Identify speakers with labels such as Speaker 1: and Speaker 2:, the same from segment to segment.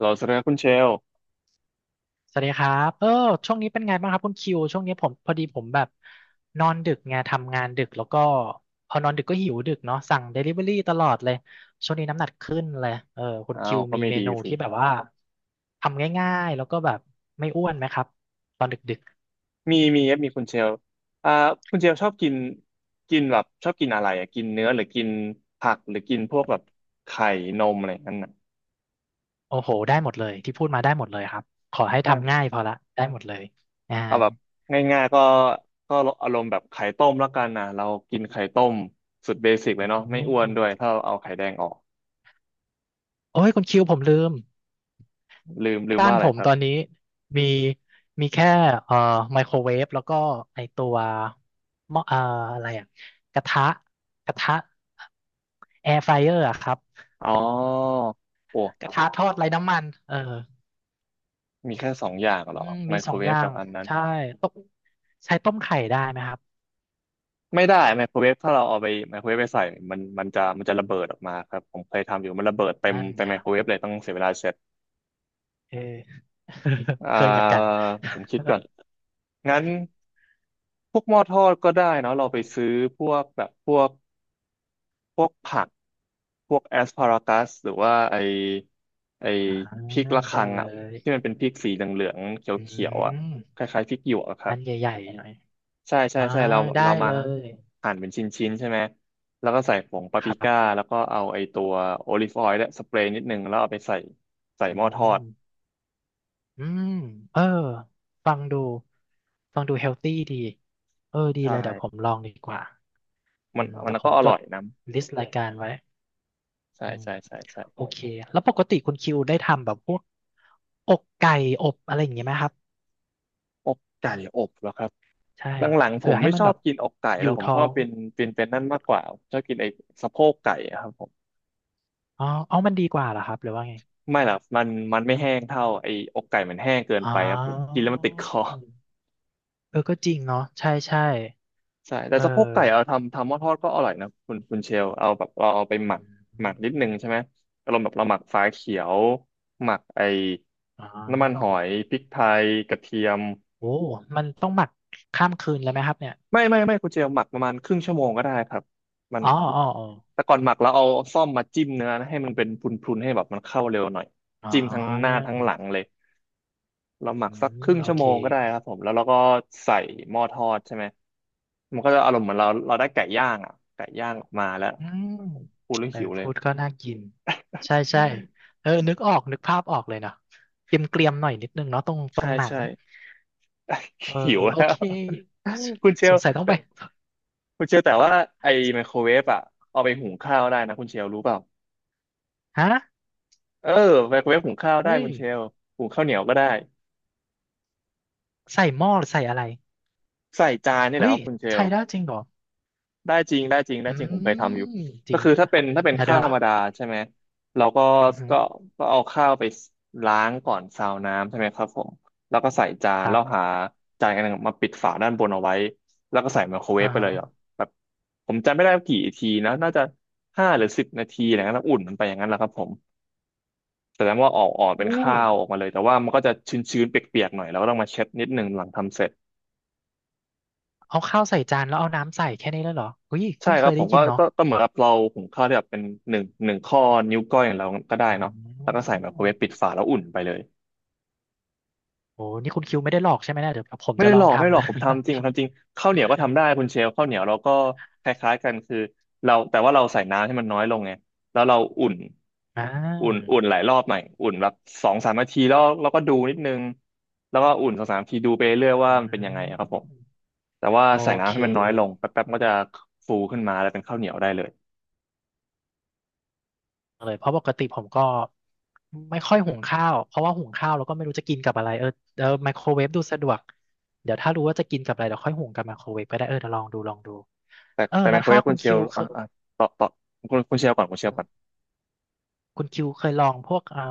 Speaker 1: เราเสนอคุณเชล
Speaker 2: สวัสดีครับช่วงนี้เป็นไงบ้างครับคุณคิวช่วงนี้ผมพอดีผมแบบนอนดึกไงทำงานดึกแล้วก็พอนอนดึกก็หิวดึกเนาะสั่งเดลิเวอรี่ตลอดเลยช่วงนี้น้ำหนักขึ้นเลยคุณ
Speaker 1: อ้า
Speaker 2: คิ
Speaker 1: ว
Speaker 2: ว
Speaker 1: ก็
Speaker 2: มี
Speaker 1: ไม่
Speaker 2: เม
Speaker 1: ดี
Speaker 2: นู
Speaker 1: สิ
Speaker 2: ที่แบบว่าทำง่ายๆแล้วก็แบบไม่อ้วนไหมครับตอนดึก
Speaker 1: มี มีครับมีคุณเชลอ่าคุณเชลชอบกินกินแบบชอบกินอะไรอ่ะกินเนื้อหรือกินผักหรือกินพวกแบบไข่นมอะไรนั่นน่ะ
Speaker 2: ๆโอ้โหได้หมดเลยที่พูดมาได้หมดเลยครับขอให้ทำง่าย
Speaker 1: แต่
Speaker 2: พอละได้หมดเลยอ่า
Speaker 1: เอาแบบง่ายๆก็ก็อารมณ์แบบไข่ต้มแล้วกันนะเรากินไข่ต้มสุดเบสิกเล
Speaker 2: อื
Speaker 1: ยเนาะไม่อ้วน
Speaker 2: ม
Speaker 1: ด้วยถ้าเราเอาไข่แดงออก
Speaker 2: โอ้ยคุณคิวผมลืม
Speaker 1: ลืมลืม
Speaker 2: บ้าน
Speaker 1: ว่าอะ
Speaker 2: ผ
Speaker 1: ไร
Speaker 2: ม
Speaker 1: ครั
Speaker 2: ต
Speaker 1: บ
Speaker 2: อนนี้มีมีแค่เอ่อไมโครเวฟแล้วก็ไอตัวหม้ออะไรอะกระทะกระทะแอร์ฟ y เออร์อะครับ
Speaker 1: อ๋อโอ้
Speaker 2: กระทะทอดไร้น้ำมันเออ
Speaker 1: มีแค่สองอย่างเหร
Speaker 2: อื
Speaker 1: อ
Speaker 2: ม
Speaker 1: ไม
Speaker 2: มี
Speaker 1: โค
Speaker 2: ส
Speaker 1: ร
Speaker 2: อง
Speaker 1: เว
Speaker 2: อ
Speaker 1: ฟ
Speaker 2: ย่า
Speaker 1: กับ
Speaker 2: ง
Speaker 1: อันนั้น
Speaker 2: ใช่ต้มใช้ต้มไข่ได้ไหมครับ
Speaker 1: ไม่ได้ไมโครเวฟถ้าเราเอาไปไมโครเวฟไปใส่เนี่ยมันจะจะระเบิดออกมาครับผมเคยทำอยู่มันระเบิดเต็ม
Speaker 2: นั่น
Speaker 1: เต็ม
Speaker 2: ไง
Speaker 1: ไมโครเวฟเลยต้องเสียเวลาเสร็จ
Speaker 2: เออ
Speaker 1: อ่
Speaker 2: เคยเหมือนกั
Speaker 1: า
Speaker 2: น
Speaker 1: ผมคิดก่อนงั้นพวกหม้อทอดก็ได้เนาะเราไปซื้อพวกพวกผักพวกแอสพารากัสหรือว่าไอ
Speaker 2: อ่า
Speaker 1: พริกระ
Speaker 2: ได้
Speaker 1: คัง
Speaker 2: เล
Speaker 1: อ่ะ
Speaker 2: ย
Speaker 1: ที่มันเป็นพริกสีเหลืองๆ
Speaker 2: อื
Speaker 1: เขียวๆอ่ะ
Speaker 2: ม
Speaker 1: คล้ายๆพริกหยวกอะครั
Speaker 2: อั
Speaker 1: บ
Speaker 2: นใหญ่ๆหน่อย
Speaker 1: ใช่ใช่
Speaker 2: อ่า
Speaker 1: ใช่เรา
Speaker 2: ได้
Speaker 1: เรามา
Speaker 2: เลย
Speaker 1: หั่นเป็นชิ้นชิ้นใช่ไหมแล้วก็ใส่ผงปาป
Speaker 2: ค
Speaker 1: ริ
Speaker 2: รั
Speaker 1: ก้า
Speaker 2: บ
Speaker 1: แล้วก็เอาไอตัวโอลิฟออยล์และสเปรย์นิดนึงแล้วเอาไปใส่ใส่
Speaker 2: อื
Speaker 1: หม้อทอด
Speaker 2: ม อืมเออฟังดูฟังดูเฮลตี้ดีเออดี
Speaker 1: ใช
Speaker 2: เลยเดี๋ยวผม
Speaker 1: ่
Speaker 2: ลองดีกว่าอื
Speaker 1: มัน
Speaker 2: ม
Speaker 1: มั
Speaker 2: เดี๋
Speaker 1: น
Speaker 2: ยวผ
Speaker 1: ก็
Speaker 2: ม
Speaker 1: อ
Speaker 2: จ
Speaker 1: ร่
Speaker 2: ด
Speaker 1: อยนะ
Speaker 2: ลิสต์รายการไว้
Speaker 1: ใช่
Speaker 2: อืม
Speaker 1: ใช่ใช่ใช่
Speaker 2: โอเคแล้วปกติคุณคิวได้ทำแบบพวกอกไก่อบอะไรอย่างเงี้ยไหมครับ
Speaker 1: อกไก่อบเหรอครับ
Speaker 2: ใช่
Speaker 1: หลังๆผ
Speaker 2: เผื่
Speaker 1: ม
Speaker 2: อให้
Speaker 1: ไม่
Speaker 2: มั
Speaker 1: ช
Speaker 2: น
Speaker 1: อ
Speaker 2: แบ
Speaker 1: บ
Speaker 2: บ
Speaker 1: กินอกไก่
Speaker 2: อ
Speaker 1: แล้
Speaker 2: ยู่
Speaker 1: วผม
Speaker 2: ท้
Speaker 1: ช
Speaker 2: อ
Speaker 1: อบ
Speaker 2: ง
Speaker 1: เป็นเป็นเป็นนั่นมากกว่าชอบกินไอสะโพกไก่อะครับผม
Speaker 2: อ๋ออ๋อมันดีกว่าเหรอครับหรือว่าไง
Speaker 1: ไม่หรอกมันมันไม่แห้งเท่าไออกไก่มันแห้งเกิน
Speaker 2: อ๋
Speaker 1: ไปครับกิ
Speaker 2: อ
Speaker 1: นแล้วมันติดคอ
Speaker 2: เออก็จริงเนาะใช่ใช่
Speaker 1: ใช่แต่
Speaker 2: เอ
Speaker 1: สะโพกไก่เอา
Speaker 2: อ
Speaker 1: ทำทำหม้อทอดก็อร่อยนะคุณคุณเชลเอาแบบเราเอาไปห
Speaker 2: อื
Speaker 1: มักหมัก
Speaker 2: ม
Speaker 1: นิดนึงใช่ไหมอารมณ์แบบเราหมักฝาเขียวหมักไอ้
Speaker 2: อ๋
Speaker 1: น้ำมันห
Speaker 2: อ
Speaker 1: อยพริกไทยกระเทียม
Speaker 2: โอ้มันต้องหมักข้ามคืนเลยไหมครับเนี่ย
Speaker 1: ไม่คุณเชลหมักประมาณครึ่งชั่วโมงก็ได้ครับมัน
Speaker 2: อ๋ออ๋ออ๋อ
Speaker 1: แต่ก่อนหมักแล้วเอาซ่อมมาจิ้มเนื้อนะให้มันเป็นพรุนๆให้แบบมันเข้าเร็วหน่อย
Speaker 2: อ๋อ
Speaker 1: จิ้มทั้งหน้าทั้งหลังเลย เราหมั
Speaker 2: อื
Speaker 1: กสักค
Speaker 2: ม
Speaker 1: รึ่ง
Speaker 2: โอ
Speaker 1: ชั่ว
Speaker 2: เค
Speaker 1: โมงก็ได้ครับผมแล้วเราก็ใส่หม้อทอดใช่ไหมมันก็จะอารมณ์เหมือนเราเราได้ไก่ย่างอ่ะไก่ย่างออกมาแล้ว
Speaker 2: อืม
Speaker 1: พูดเรื่อง
Speaker 2: เออ
Speaker 1: หิวเลย
Speaker 2: พูดก็น่ากินใช่ใช่เออนึกออก นึกภาพออกเลยเนาะเกรียมเกรียมตร
Speaker 1: ใช่
Speaker 2: งหนัง
Speaker 1: ใช่
Speaker 2: เออ
Speaker 1: หิว
Speaker 2: โอ
Speaker 1: แล้ว
Speaker 2: เคส
Speaker 1: คุณเช
Speaker 2: ส
Speaker 1: ล
Speaker 2: งสัยต้อง
Speaker 1: แต่
Speaker 2: ไป
Speaker 1: คุณเชลแต่ว่าไอ้ไมโครเวฟอ่ะเอาไปหุงข้าวได้นะคุณเชลรู้เปล่า
Speaker 2: ฮะ
Speaker 1: เออไมโครเวฟหุงข้าวได้
Speaker 2: เฮ้ย
Speaker 1: คุณเชลหุงข้าวเหนียวก็ได้
Speaker 2: ใส่หม้อหรือใส่อะไร
Speaker 1: ใส่จานนี่แห
Speaker 2: เฮ้
Speaker 1: ละค
Speaker 2: ย
Speaker 1: รับคุณเชล
Speaker 2: ใช่ได้จริงเหรอ
Speaker 1: ได้จริงได้จริงได้
Speaker 2: อื
Speaker 1: จริงผมเคยทำอยู่
Speaker 2: มจ
Speaker 1: ก็
Speaker 2: ริง
Speaker 1: คือถ้า
Speaker 2: ปะ
Speaker 1: เป็นถ้าเป็น
Speaker 2: เดี๋ยว
Speaker 1: ข้า
Speaker 2: เดี๋
Speaker 1: ว
Speaker 2: ย
Speaker 1: ธรรมดา
Speaker 2: ว
Speaker 1: ใช่ไหมเราก็
Speaker 2: อือฮึ
Speaker 1: ก็ก็เอาข้าวไปล้างก่อนซาวน้ำใช่ไหมครับผมแล้วก็ใส่จาน
Speaker 2: ครั
Speaker 1: แล้
Speaker 2: บ
Speaker 1: วหาจานอันหนึ่งมาปิดฝาด้านบนเอาไว้แล้วก็ใส่ไมโครเว
Speaker 2: อ่า
Speaker 1: ฟไป
Speaker 2: ฮะ
Speaker 1: เลยอ่ะแบบผมจำไม่ได้กี่ทีนะน่าจะห้าหรือสิบนาทีอะไรเงี้ยแล้วอุ่นมันไปอย่างนั้นแหละครับผมแต่แล้วว่าออกเป็น
Speaker 2: อู้
Speaker 1: ข้าวออกมาเลยแต่ว่ามันก็จะชื้นๆเปียกๆหน่อยแล้วก็ต้องมาเช็ดนิดนึงหลังทำเสร็จ
Speaker 2: เอาข้าวใส่จานแล้วเอาน้ำใส่แค่นี้แล้วเหรอเฮ้ย
Speaker 1: ใช่
Speaker 2: เพิ่ง
Speaker 1: ค
Speaker 2: เค
Speaker 1: รับ
Speaker 2: ย
Speaker 1: ผ
Speaker 2: ได้
Speaker 1: ม
Speaker 2: ยิ
Speaker 1: ก็
Speaker 2: นเนาะ
Speaker 1: ก็เหมือนกับเราหุงข้าวที่แบบเป็นหนึ่งข้อนิ้วก้อยของเราก็ได้
Speaker 2: อ
Speaker 1: เนาะ
Speaker 2: ื
Speaker 1: แล้วก็ใส่ไมโครเวฟปิ
Speaker 2: ม
Speaker 1: ดฝาแล้วอุ่นไปเลย
Speaker 2: โอ้นี่คุณคิวไม่ได้หลอกใช่ไหมเนี่ยเดี๋ยวผม
Speaker 1: ไม่
Speaker 2: จะ
Speaker 1: ได้
Speaker 2: ล
Speaker 1: ห
Speaker 2: อ
Speaker 1: ล
Speaker 2: ง
Speaker 1: อกไม่ได้ห
Speaker 2: ทำ
Speaker 1: ลอ
Speaker 2: นะ
Speaker 1: กผมทำจริงผมทำจริงข้าวเหนียวก็ทำได้คุณเชลข้าวเหนียวเราก็คล้ายๆกันคือเราแต่ว่าเราใส่น้ำให้มันน้อยลงไงแล้วเราอุ่น
Speaker 2: อ่า
Speaker 1: อุ่นหลายรอบหน่อยอุ่นแบบสองสามนาทีแล้วเราก็ดูนิดนึงแล้วก็อุ่นสองสามนาทีดูไปเรื่อยว่า
Speaker 2: อื
Speaker 1: มันเป็นยังไงอะครับผม
Speaker 2: ม
Speaker 1: แต่ว่า
Speaker 2: โอ
Speaker 1: ใส่
Speaker 2: เค
Speaker 1: น้ำให้มันน้อยลงแป๊บๆมันก็จะฟูขึ้นมาแล้วเป็นข้าวเหนียวได้เลย
Speaker 2: เลยเพราะปกติผมก็ไม่ค่อยหุงข้าวเพราะว่าหุงข้าวแล้วก็ไม่รู้จะกินกับอะไรเออไมโครเวฟดูสะดวกเดี๋ยวถ้ารู้ว่าจะกินกับอะไรเดี๋ยวค่อยหุงกับไมโครเวฟก็ได้เออเดี๋ยวลองดูลองดู
Speaker 1: แต่
Speaker 2: เออ
Speaker 1: แต่ไม
Speaker 2: แล้ว
Speaker 1: โครเว
Speaker 2: ถ้า
Speaker 1: ฟ
Speaker 2: คุ
Speaker 1: คุณ
Speaker 2: ณ
Speaker 1: เช
Speaker 2: คิ
Speaker 1: ล
Speaker 2: วเค
Speaker 1: อ่ะ
Speaker 2: ย
Speaker 1: ต่อคุณคุณเชลก่อนคุณเชลก่อน
Speaker 2: คุณคิวเคยลองพวกเอ่อ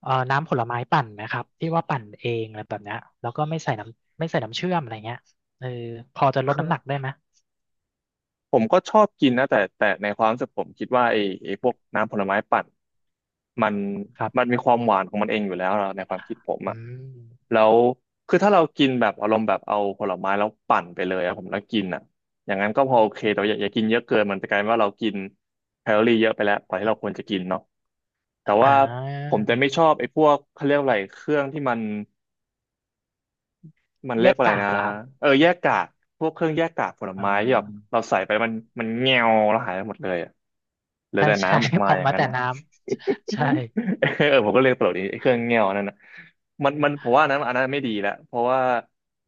Speaker 2: เอ่อน้ำผลไม้ปั่นไหมครับที่ว่าปั่นเองอะไรแบบเนี้ยแล้วก็ไม่ใส่น้ำไม่ใส่น้ำเชื่อมอะไรเงี้ยเออพอจะลดน้ำหนักได้ไหม
Speaker 1: ผมก็ชอบกินนะแต่ในความรู้สึกผมคิดว่าไอ้พวกน้ำผลไม้ปั่นมัน
Speaker 2: ครั
Speaker 1: มัน
Speaker 2: บ
Speaker 1: มีความหวานของมันเองอยู่แล้วนะในความคิดผม
Speaker 2: อื
Speaker 1: อะ
Speaker 2: ม
Speaker 1: แล้วคือถ้าเรากินแบบอารมณ์แบบเอาผลไม้แล้วปั่นไปเลยอะผมแล้วกินอะอย่างนั้นก็พอโอเคแต่ว่าอย่ากินเยอะเกินมันจะกลายเป็นว่าเรากินแคลอรี่เยอะไปแล้วกว่าที่เราควรจะกินเนาะแต่
Speaker 2: อ่
Speaker 1: ว่าผ
Speaker 2: า
Speaker 1: มจะไม่ชอบไอ้พวกเขาเรียกอะไรเครื่องที่มัน มัน
Speaker 2: แย
Speaker 1: เรียก
Speaker 2: ก
Speaker 1: ว่าอะไร
Speaker 2: กาก
Speaker 1: นะ
Speaker 2: เหรอครับ
Speaker 1: เออแยกกากพวกเครื่องแยกกากผล
Speaker 2: อ่
Speaker 1: ไม้ที่แบบ
Speaker 2: า
Speaker 1: เราใส่ไปมันมันเงียวแล้วหายไปหมดเลยอะเหลือ
Speaker 2: ใช่
Speaker 1: แต่
Speaker 2: ใช่
Speaker 1: น้ำออกมา
Speaker 2: ออก
Speaker 1: อย่าง
Speaker 2: มา
Speaker 1: นั้น
Speaker 2: แต่
Speaker 1: อะ
Speaker 2: น้ำใช่
Speaker 1: เออผมก็เรียกตลกดีไอ้เครื่องเงียวนั่นนะมันผมว่าอันนั้นไม่ดีแล้วเพราะว่า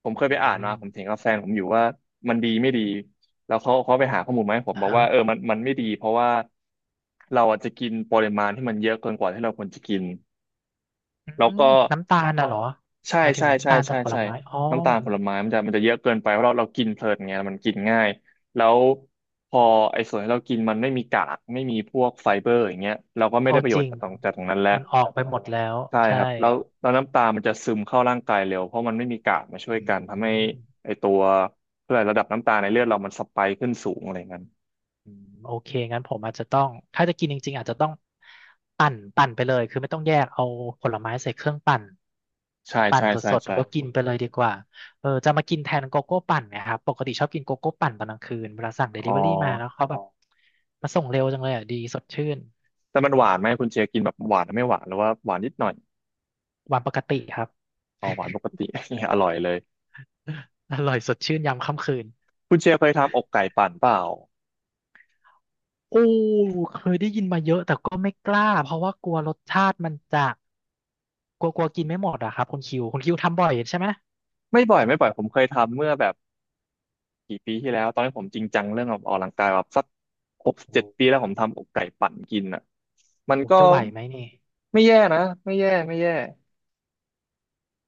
Speaker 1: ผม
Speaker 2: อื
Speaker 1: เคยไปอ่าน
Speaker 2: ม
Speaker 1: มาผมเถียงกับแฟนผมอยู่ว่ามันดีไม่ดีแล้วเขาไปหาข้อมูลมาให้ผม
Speaker 2: อ่า
Speaker 1: บอก
Speaker 2: ฮะ
Speaker 1: ว่าเออมันไม่ดีเพราะว่าเราอาจจะกินปริมาณที่มันเยอะเกินกว่าที่เราควรจะกิน
Speaker 2: อื
Speaker 1: แล้ว
Speaker 2: ม
Speaker 1: ก็
Speaker 2: น้ำตาลน่ะเหรอ
Speaker 1: ใช่
Speaker 2: หมายถึง
Speaker 1: ใช่
Speaker 2: น้ำ
Speaker 1: ใช่
Speaker 2: ตาลจา
Speaker 1: ใช่
Speaker 2: กผล
Speaker 1: ใช่
Speaker 2: ไม้อ๋อ
Speaker 1: น้ำตาลผลไม้มันจะเยอะเกินไปเพราะเรากินเพลินไงมันกินง่ายแล้วพอไอ้ส่วนที่เรากินมันไม่มีกากไม่มีพวกไฟเบอร์อย่างเงี้ยเราก็ไม่
Speaker 2: โอ
Speaker 1: ได้ประโย
Speaker 2: จ
Speaker 1: ช
Speaker 2: ริ
Speaker 1: น์
Speaker 2: ง
Speaker 1: จากตรงนั้นแล้ว
Speaker 2: มันออกไปหมดแล้ว
Speaker 1: ใช่
Speaker 2: ใช่
Speaker 1: ครับแล้วน้ำตาลมันจะซึมเข้าร่างกายเร็วเพราะมันไม่มีกากมาช่วย
Speaker 2: อื
Speaker 1: กันทำให้
Speaker 2: ม
Speaker 1: ไอ้ตัวเพื่อระดับน้ำตาลในเลือดเรามันสไปค์ขึ้นสูงอะไรอย่างนั้น
Speaker 2: อืมโอเคงั้นผมอาจจะต้องถ้าจะกินจริงๆอาจจะต้องปั่นไปเลยคือไม่ต้องแยกเอาผลไม้ใส่เครื่องปั่น
Speaker 1: ใช่
Speaker 2: ปั่น
Speaker 1: ใช่
Speaker 2: ส
Speaker 1: ใช่
Speaker 2: ดๆแล้
Speaker 1: ใช่
Speaker 2: วก็กินไปเลยดีกว่าเออจะมากินแทนโกโก้ปั่นเนะครับปกติชอบกินโกโก้ปั่นตอนกลางคืนเวลาสั่งเด
Speaker 1: อ๋อ
Speaker 2: ลิเวอรี่มาแล้วเขาแบบมาส่งเร็วจังเลยอ่ะดีสดชื่น
Speaker 1: แต่มันหวานไหมคุณเจกินแบบหวานไม่หวานหรือว่าหวานนิดหน่อย
Speaker 2: วันปกติครับ
Speaker 1: อ๋อหวานปกติ อร่อยเลย
Speaker 2: อร่อยสดชื่นยามค่ำคืน
Speaker 1: คุณเจเคยทำอกไก่ปั่นเปล่า
Speaker 2: โอ้เคยได้ยินมาเยอะแต่ก็ไม่กล้าเพราะว่ากลัวรสชาติมันจะกลัวกลัวกินไม่หมดอะครับคุณคิวทำบ่อยใช่ไหม
Speaker 1: ไม่บ่อยไม่บ่อยผมเคยทำเมื่อแบบกี่ปีที่แล้วตอนนี้ผมจริงจังเรื่องออกกำลังกายแบบสักหกเจ็ดปีแล้วผมทำอกไก่ปั่นกินอ่ะมัน
Speaker 2: โอ้
Speaker 1: ก็
Speaker 2: จะไหวไหมนี่
Speaker 1: ไม่แย่นะไม่แย่ไม่แย่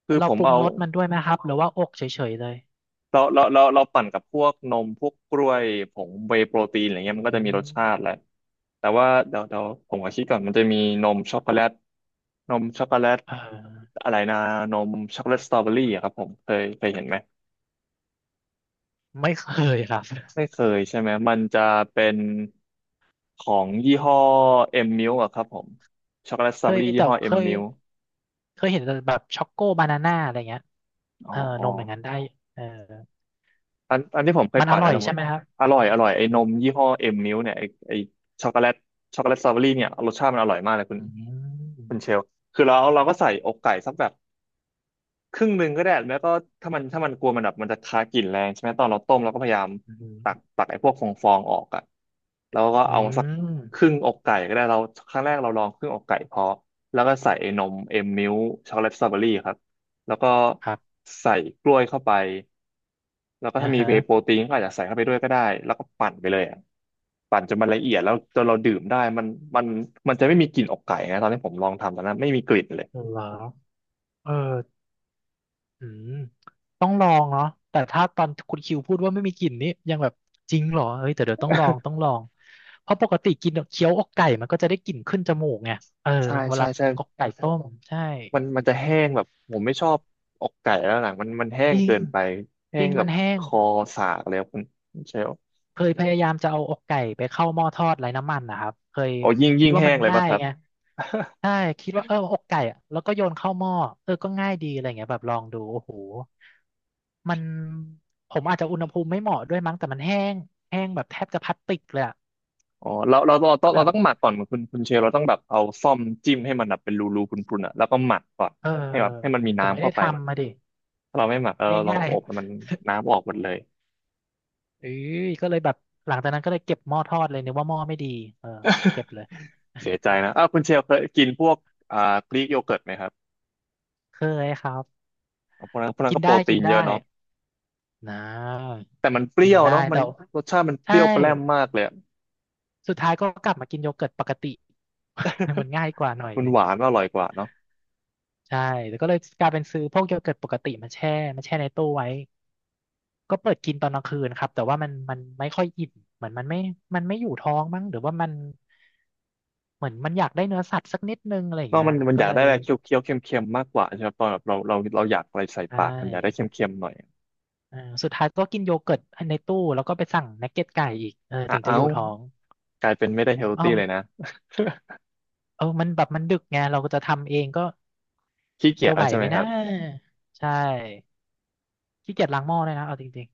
Speaker 1: คือ
Speaker 2: เรา
Speaker 1: ผม
Speaker 2: ปรุง
Speaker 1: เอา
Speaker 2: รสมันด้วยไหมครับหรือว่าอกเฉยๆเลย
Speaker 1: เราปั่นกับพวกนมพวกกล้วยผงเวย์โปรตีนอะไร
Speaker 2: อื
Speaker 1: เงี้ยมันก็จะมีรสชาติแห
Speaker 2: ม
Speaker 1: ละแต่ว่าเดี๋ยวผมขอคิดก่อนมันจะมีนมช็อกโกแลตนมช็อกโกแลต
Speaker 2: เออ
Speaker 1: อะไรนะนมช็อกโกแลตสตรอเบอรี่อะครับผมเคยเห็นไหม
Speaker 2: ไม่เคยครับ
Speaker 1: ไม่เคยใช่ไหมมันจะเป็นของยี่ห้อเอ็มมิลอะครับผมช็อกโกแลตส
Speaker 2: เค
Speaker 1: ตรอเบอ
Speaker 2: ย
Speaker 1: รี่ยี่
Speaker 2: แต่
Speaker 1: ห้อ
Speaker 2: เค
Speaker 1: เอ็ม
Speaker 2: ย
Speaker 1: มิล
Speaker 2: เคยเห็นแต่แบบช็อกโกบานาน่าอะไรเงี้ย
Speaker 1: อ๋
Speaker 2: เอ
Speaker 1: อ
Speaker 2: อ
Speaker 1: อ๋
Speaker 2: น
Speaker 1: อ
Speaker 2: มอย่างนั้นได้เออ
Speaker 1: อันที่ผมเคย
Speaker 2: มันอ
Speaker 1: ปั่น
Speaker 2: ร่
Speaker 1: อั
Speaker 2: อ
Speaker 1: น
Speaker 2: ย
Speaker 1: นั้นหม
Speaker 2: ใช่
Speaker 1: ด
Speaker 2: ไหมครับ
Speaker 1: อร่อยอร่อยไอ้
Speaker 2: อื
Speaker 1: น
Speaker 2: ม
Speaker 1: มยี่ห้อเอ็มมิลเนี่ยไอ้ช็อกโกแลตสตรอเบอรี่เนี่ยรสชาติมันอร่อยมากเลยคุณ
Speaker 2: อืม
Speaker 1: คุณเชลคือเราก็ใส่อกไก่สักแบบ ครึ่งหนึ่งก็ได้แล้วก็ถ้ามันกลัวมันแบบมันจะคากลิ่นแรงใช่ไหมตอนเราต้มเราก็พยายาม
Speaker 2: อืม
Speaker 1: ตักไอ้พวกฟองออกอ่ะแล้วก็
Speaker 2: อื
Speaker 1: เอาสัก
Speaker 2: ม
Speaker 1: ครึ่งอกไก่ก็ได้เราครั้งแรกเราลองครึ่งอกไก่พอแล้วก็ใส่ไอ้นมเอ็มมิลช็อกโกแลตสตรอเบอรี่ครับแล้วก็
Speaker 2: ครับ
Speaker 1: ใส่กล้วยเข้าไปแล้วก็
Speaker 2: อ่า
Speaker 1: ถ้ามี
Speaker 2: ฮะ
Speaker 1: โปรตีนก็อาจจะใส่เข้าไปด้วยก็ได้แล้วก็ปั่นไปเลยอะปั่นจนมันละเอียดแล้วจนเราดื่มได้มันมันจะไม่มีกลิ่นอกไก่นะตอนที่ผมลองทำตอนนั้นไม่มีกลิ่นเลย
Speaker 2: เหรอเออ อืมต้องลองเนาะแต่ถ้าตอนคุณคิวพูดว่าไม่มีกลิ่นนี่ยังแบบจริงเหรอเฮ้ยแต่เดี๋ยวต้องลองเพราะปกติกินเคี้ยวอกไก่มันก็จะได้กลิ่นขึ้นจมูกไงเออ
Speaker 1: ใช่
Speaker 2: เว
Speaker 1: ใช่
Speaker 2: ลา
Speaker 1: ใช่
Speaker 2: อกไก่ต้มใช่
Speaker 1: มันจะแห้งแบบผมไม่ชอบอกไก่แล้วหลังมันแห้
Speaker 2: จ
Speaker 1: ง
Speaker 2: ริง
Speaker 1: เกินไปแห้
Speaker 2: จริ
Speaker 1: ง
Speaker 2: ง
Speaker 1: แบ
Speaker 2: มั
Speaker 1: บ
Speaker 2: นแห้
Speaker 1: ค
Speaker 2: ง
Speaker 1: อสากแล้วคุณคุณเชล
Speaker 2: เคยพยายามจะเอาอกไก่ไปเข้าหม้อทอดไร้น้ำมันนะครับเคย
Speaker 1: โอ้ยิ่ง
Speaker 2: คิ
Speaker 1: ยิ่
Speaker 2: ด
Speaker 1: ง
Speaker 2: ว่า
Speaker 1: แห้
Speaker 2: มั
Speaker 1: ง
Speaker 2: น
Speaker 1: เลย
Speaker 2: ง่า
Speaker 1: ป่ะ
Speaker 2: ย
Speaker 1: ครับ
Speaker 2: ไง ใช่คิดว่าเอออกไก่อะแล้วก็โยนเข้าหม้อเออก็ง่ายดีอะไรเงี้ยแบบลองดูโอ้โหมันผมอาจจะอุณหภูมิไม่เหมาะด้วยมั้งแต่มันแห้งแห้งแบบแทบจะพลาสติกเลยอะ
Speaker 1: อ๋อเราเราเราต้อง
Speaker 2: แบ
Speaker 1: เรา
Speaker 2: บ
Speaker 1: ต้องหมักก่อนคุณคุณเชลเราต้องแบบเอาซ่อมจิ้มให้มันแบบเป็นรูพรุนๆอ่ะแล้วก็หมักก่อน
Speaker 2: เออ
Speaker 1: ให้แบบให้มันมี
Speaker 2: ผมไม่
Speaker 1: น้ำ
Speaker 2: ได้
Speaker 1: เข้าไป
Speaker 2: ทำมาดิ
Speaker 1: ถ้าเราไม่หมักแล้วเรา
Speaker 2: ง่าย
Speaker 1: อบมันน้ำออกหมดเลย
Speaker 2: ๆเอ้ยก็เลยแบบหลังจากนั้นก็เลยเก็บหม้อทอดเลยนึกว่าหม้อไม่ดีเออเก็บเลย
Speaker 1: เสียใจนะอ้าวคุณเชลเคยกินพวกอ่ากรีกโยเกิร์ตไหมครับ
Speaker 2: เคยครับ
Speaker 1: พวกนั้น
Speaker 2: กิน
Speaker 1: ก็โปร
Speaker 2: ได้กิ
Speaker 1: ตี
Speaker 2: น
Speaker 1: นเยอะ
Speaker 2: ได้
Speaker 1: เนาะ
Speaker 2: นะ
Speaker 1: แต่มันเป
Speaker 2: กิ
Speaker 1: รี้
Speaker 2: น
Speaker 1: ยว
Speaker 2: ได้
Speaker 1: เนาะมัน
Speaker 2: แต่
Speaker 1: รสชาติมันเป
Speaker 2: ใช่
Speaker 1: รี้ยวแปร่มมากเลยอะ
Speaker 2: สุดท้ายก็กลับมากินโยเกิร์ตปกติ มันง่ายกว่าหน่อย
Speaker 1: มั
Speaker 2: ห
Speaker 1: น
Speaker 2: นึ่
Speaker 1: ห
Speaker 2: ง
Speaker 1: วานมันอร่อยกว่าเนาะ
Speaker 2: ใช่แล้วก็เลยกลายเป็นซื้อพวกโยเกิร์ตปกติมาแช่มาแช่ในตู้ไว้ก็เปิดกินตอนกลางคืนครับแต่ว่ามันไม่ค่อยอิ่มเหมือนมันไม่มันไม่อยู่ท้องมั้งหรือว่ามันเหมือนมันอยากได้เนื้อสัตว์สักนิดนึงอะไรอย่า
Speaker 1: เน
Speaker 2: ง
Speaker 1: อก
Speaker 2: เงี้ย
Speaker 1: มัน
Speaker 2: ก็
Speaker 1: อยาก
Speaker 2: เล
Speaker 1: ได้
Speaker 2: ย
Speaker 1: อะไรเคี้ยวเคี้ยวเค็มเค็มๆมากกว่าใช่ไหมตอนแบบเราอยากอะไรใส่
Speaker 2: ใช่
Speaker 1: ปากมันอยากได้เค็มเค็มหน่อย
Speaker 2: เออสุดท้ายก็กินโยเกิร์ตในตู้แล้วก็ไปสั่งนักเก็ตไก่อีกเออ
Speaker 1: อ่ะ
Speaker 2: ถึงจะ
Speaker 1: เอา
Speaker 2: อยู่ท้อง
Speaker 1: กลายเป็นไม่ได้เฮล
Speaker 2: เอ้อ
Speaker 1: ตี้เลยนะ
Speaker 2: เออมันแบบมันดึกไงเราก็จะทำเองก็
Speaker 1: ขี้เกีย
Speaker 2: จะ
Speaker 1: จ
Speaker 2: ไห
Speaker 1: แล้
Speaker 2: ว
Speaker 1: วใช่ไห
Speaker 2: ไหม
Speaker 1: มค
Speaker 2: นะ
Speaker 1: รับ
Speaker 2: ใช่ ขี้เกียจล้างหม้อเลยนะเอาจริง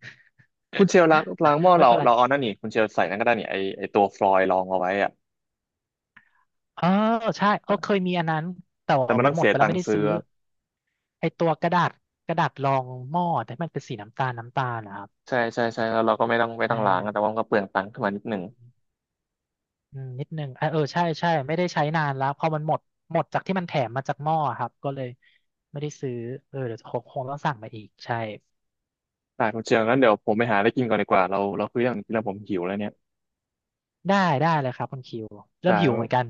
Speaker 1: คุณเชลล้าง
Speaker 2: ๆ
Speaker 1: ล้างหม้อ
Speaker 2: ไม่
Speaker 1: เรา
Speaker 2: เป็นไร
Speaker 1: เราเอานั่นนี่คุณเชลใส่นั่นก็ได้นี่ไอตัวฟลอยด์รองเอาไว้อะ
Speaker 2: เออใช่
Speaker 1: แต
Speaker 2: เออเค
Speaker 1: ่
Speaker 2: ยมีอันนั้นแต่
Speaker 1: แต่
Speaker 2: ว่า
Speaker 1: มัน
Speaker 2: มั
Speaker 1: ต้
Speaker 2: น
Speaker 1: อง
Speaker 2: หม
Speaker 1: เสี
Speaker 2: ด
Speaker 1: ย
Speaker 2: ไปแล้
Speaker 1: ตั
Speaker 2: ว
Speaker 1: ง
Speaker 2: ไม่
Speaker 1: ค์
Speaker 2: ได้
Speaker 1: ซื้อ
Speaker 2: ซื้อไอตัวกระดาษกระดาษรองหม้อแต่มันเป็นสีน้ำตาลน้ำตาลนะครับ
Speaker 1: ใช่ใช่ใช่แล้วเราก็ไม่ต้องไม่
Speaker 2: เอ
Speaker 1: ต้องล้างอะแต่ว่า
Speaker 2: อ
Speaker 1: มันก็เปลืองตังค์ขึ้นมานิดหนึ่ง
Speaker 2: อืมนิดนึงเออเออใช่ใช่ไม่ได้ใช้นานแล้วพอมันหมดหมดจากที่มันแถมมาจากหม้อครับก็เลยไม่ได้ซื้อเออเดี๋ยวคงต้องสั่งมาอีกใช่
Speaker 1: ได้คุณเชลงงั้นเดี๋ยวผมไปหาอะไรกินก่อนดีกว่าเราคุยเรื่องกินแล้วผมหิวแล้วเนี่ย
Speaker 2: ได้ได้เลยครับคุณคิวเริ่
Speaker 1: ได้
Speaker 2: มหิวเหมือนกัน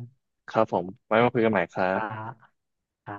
Speaker 1: ครับผมไว้มาคุยกันใหม่ครั
Speaker 2: ครั
Speaker 1: บ
Speaker 2: บอ่า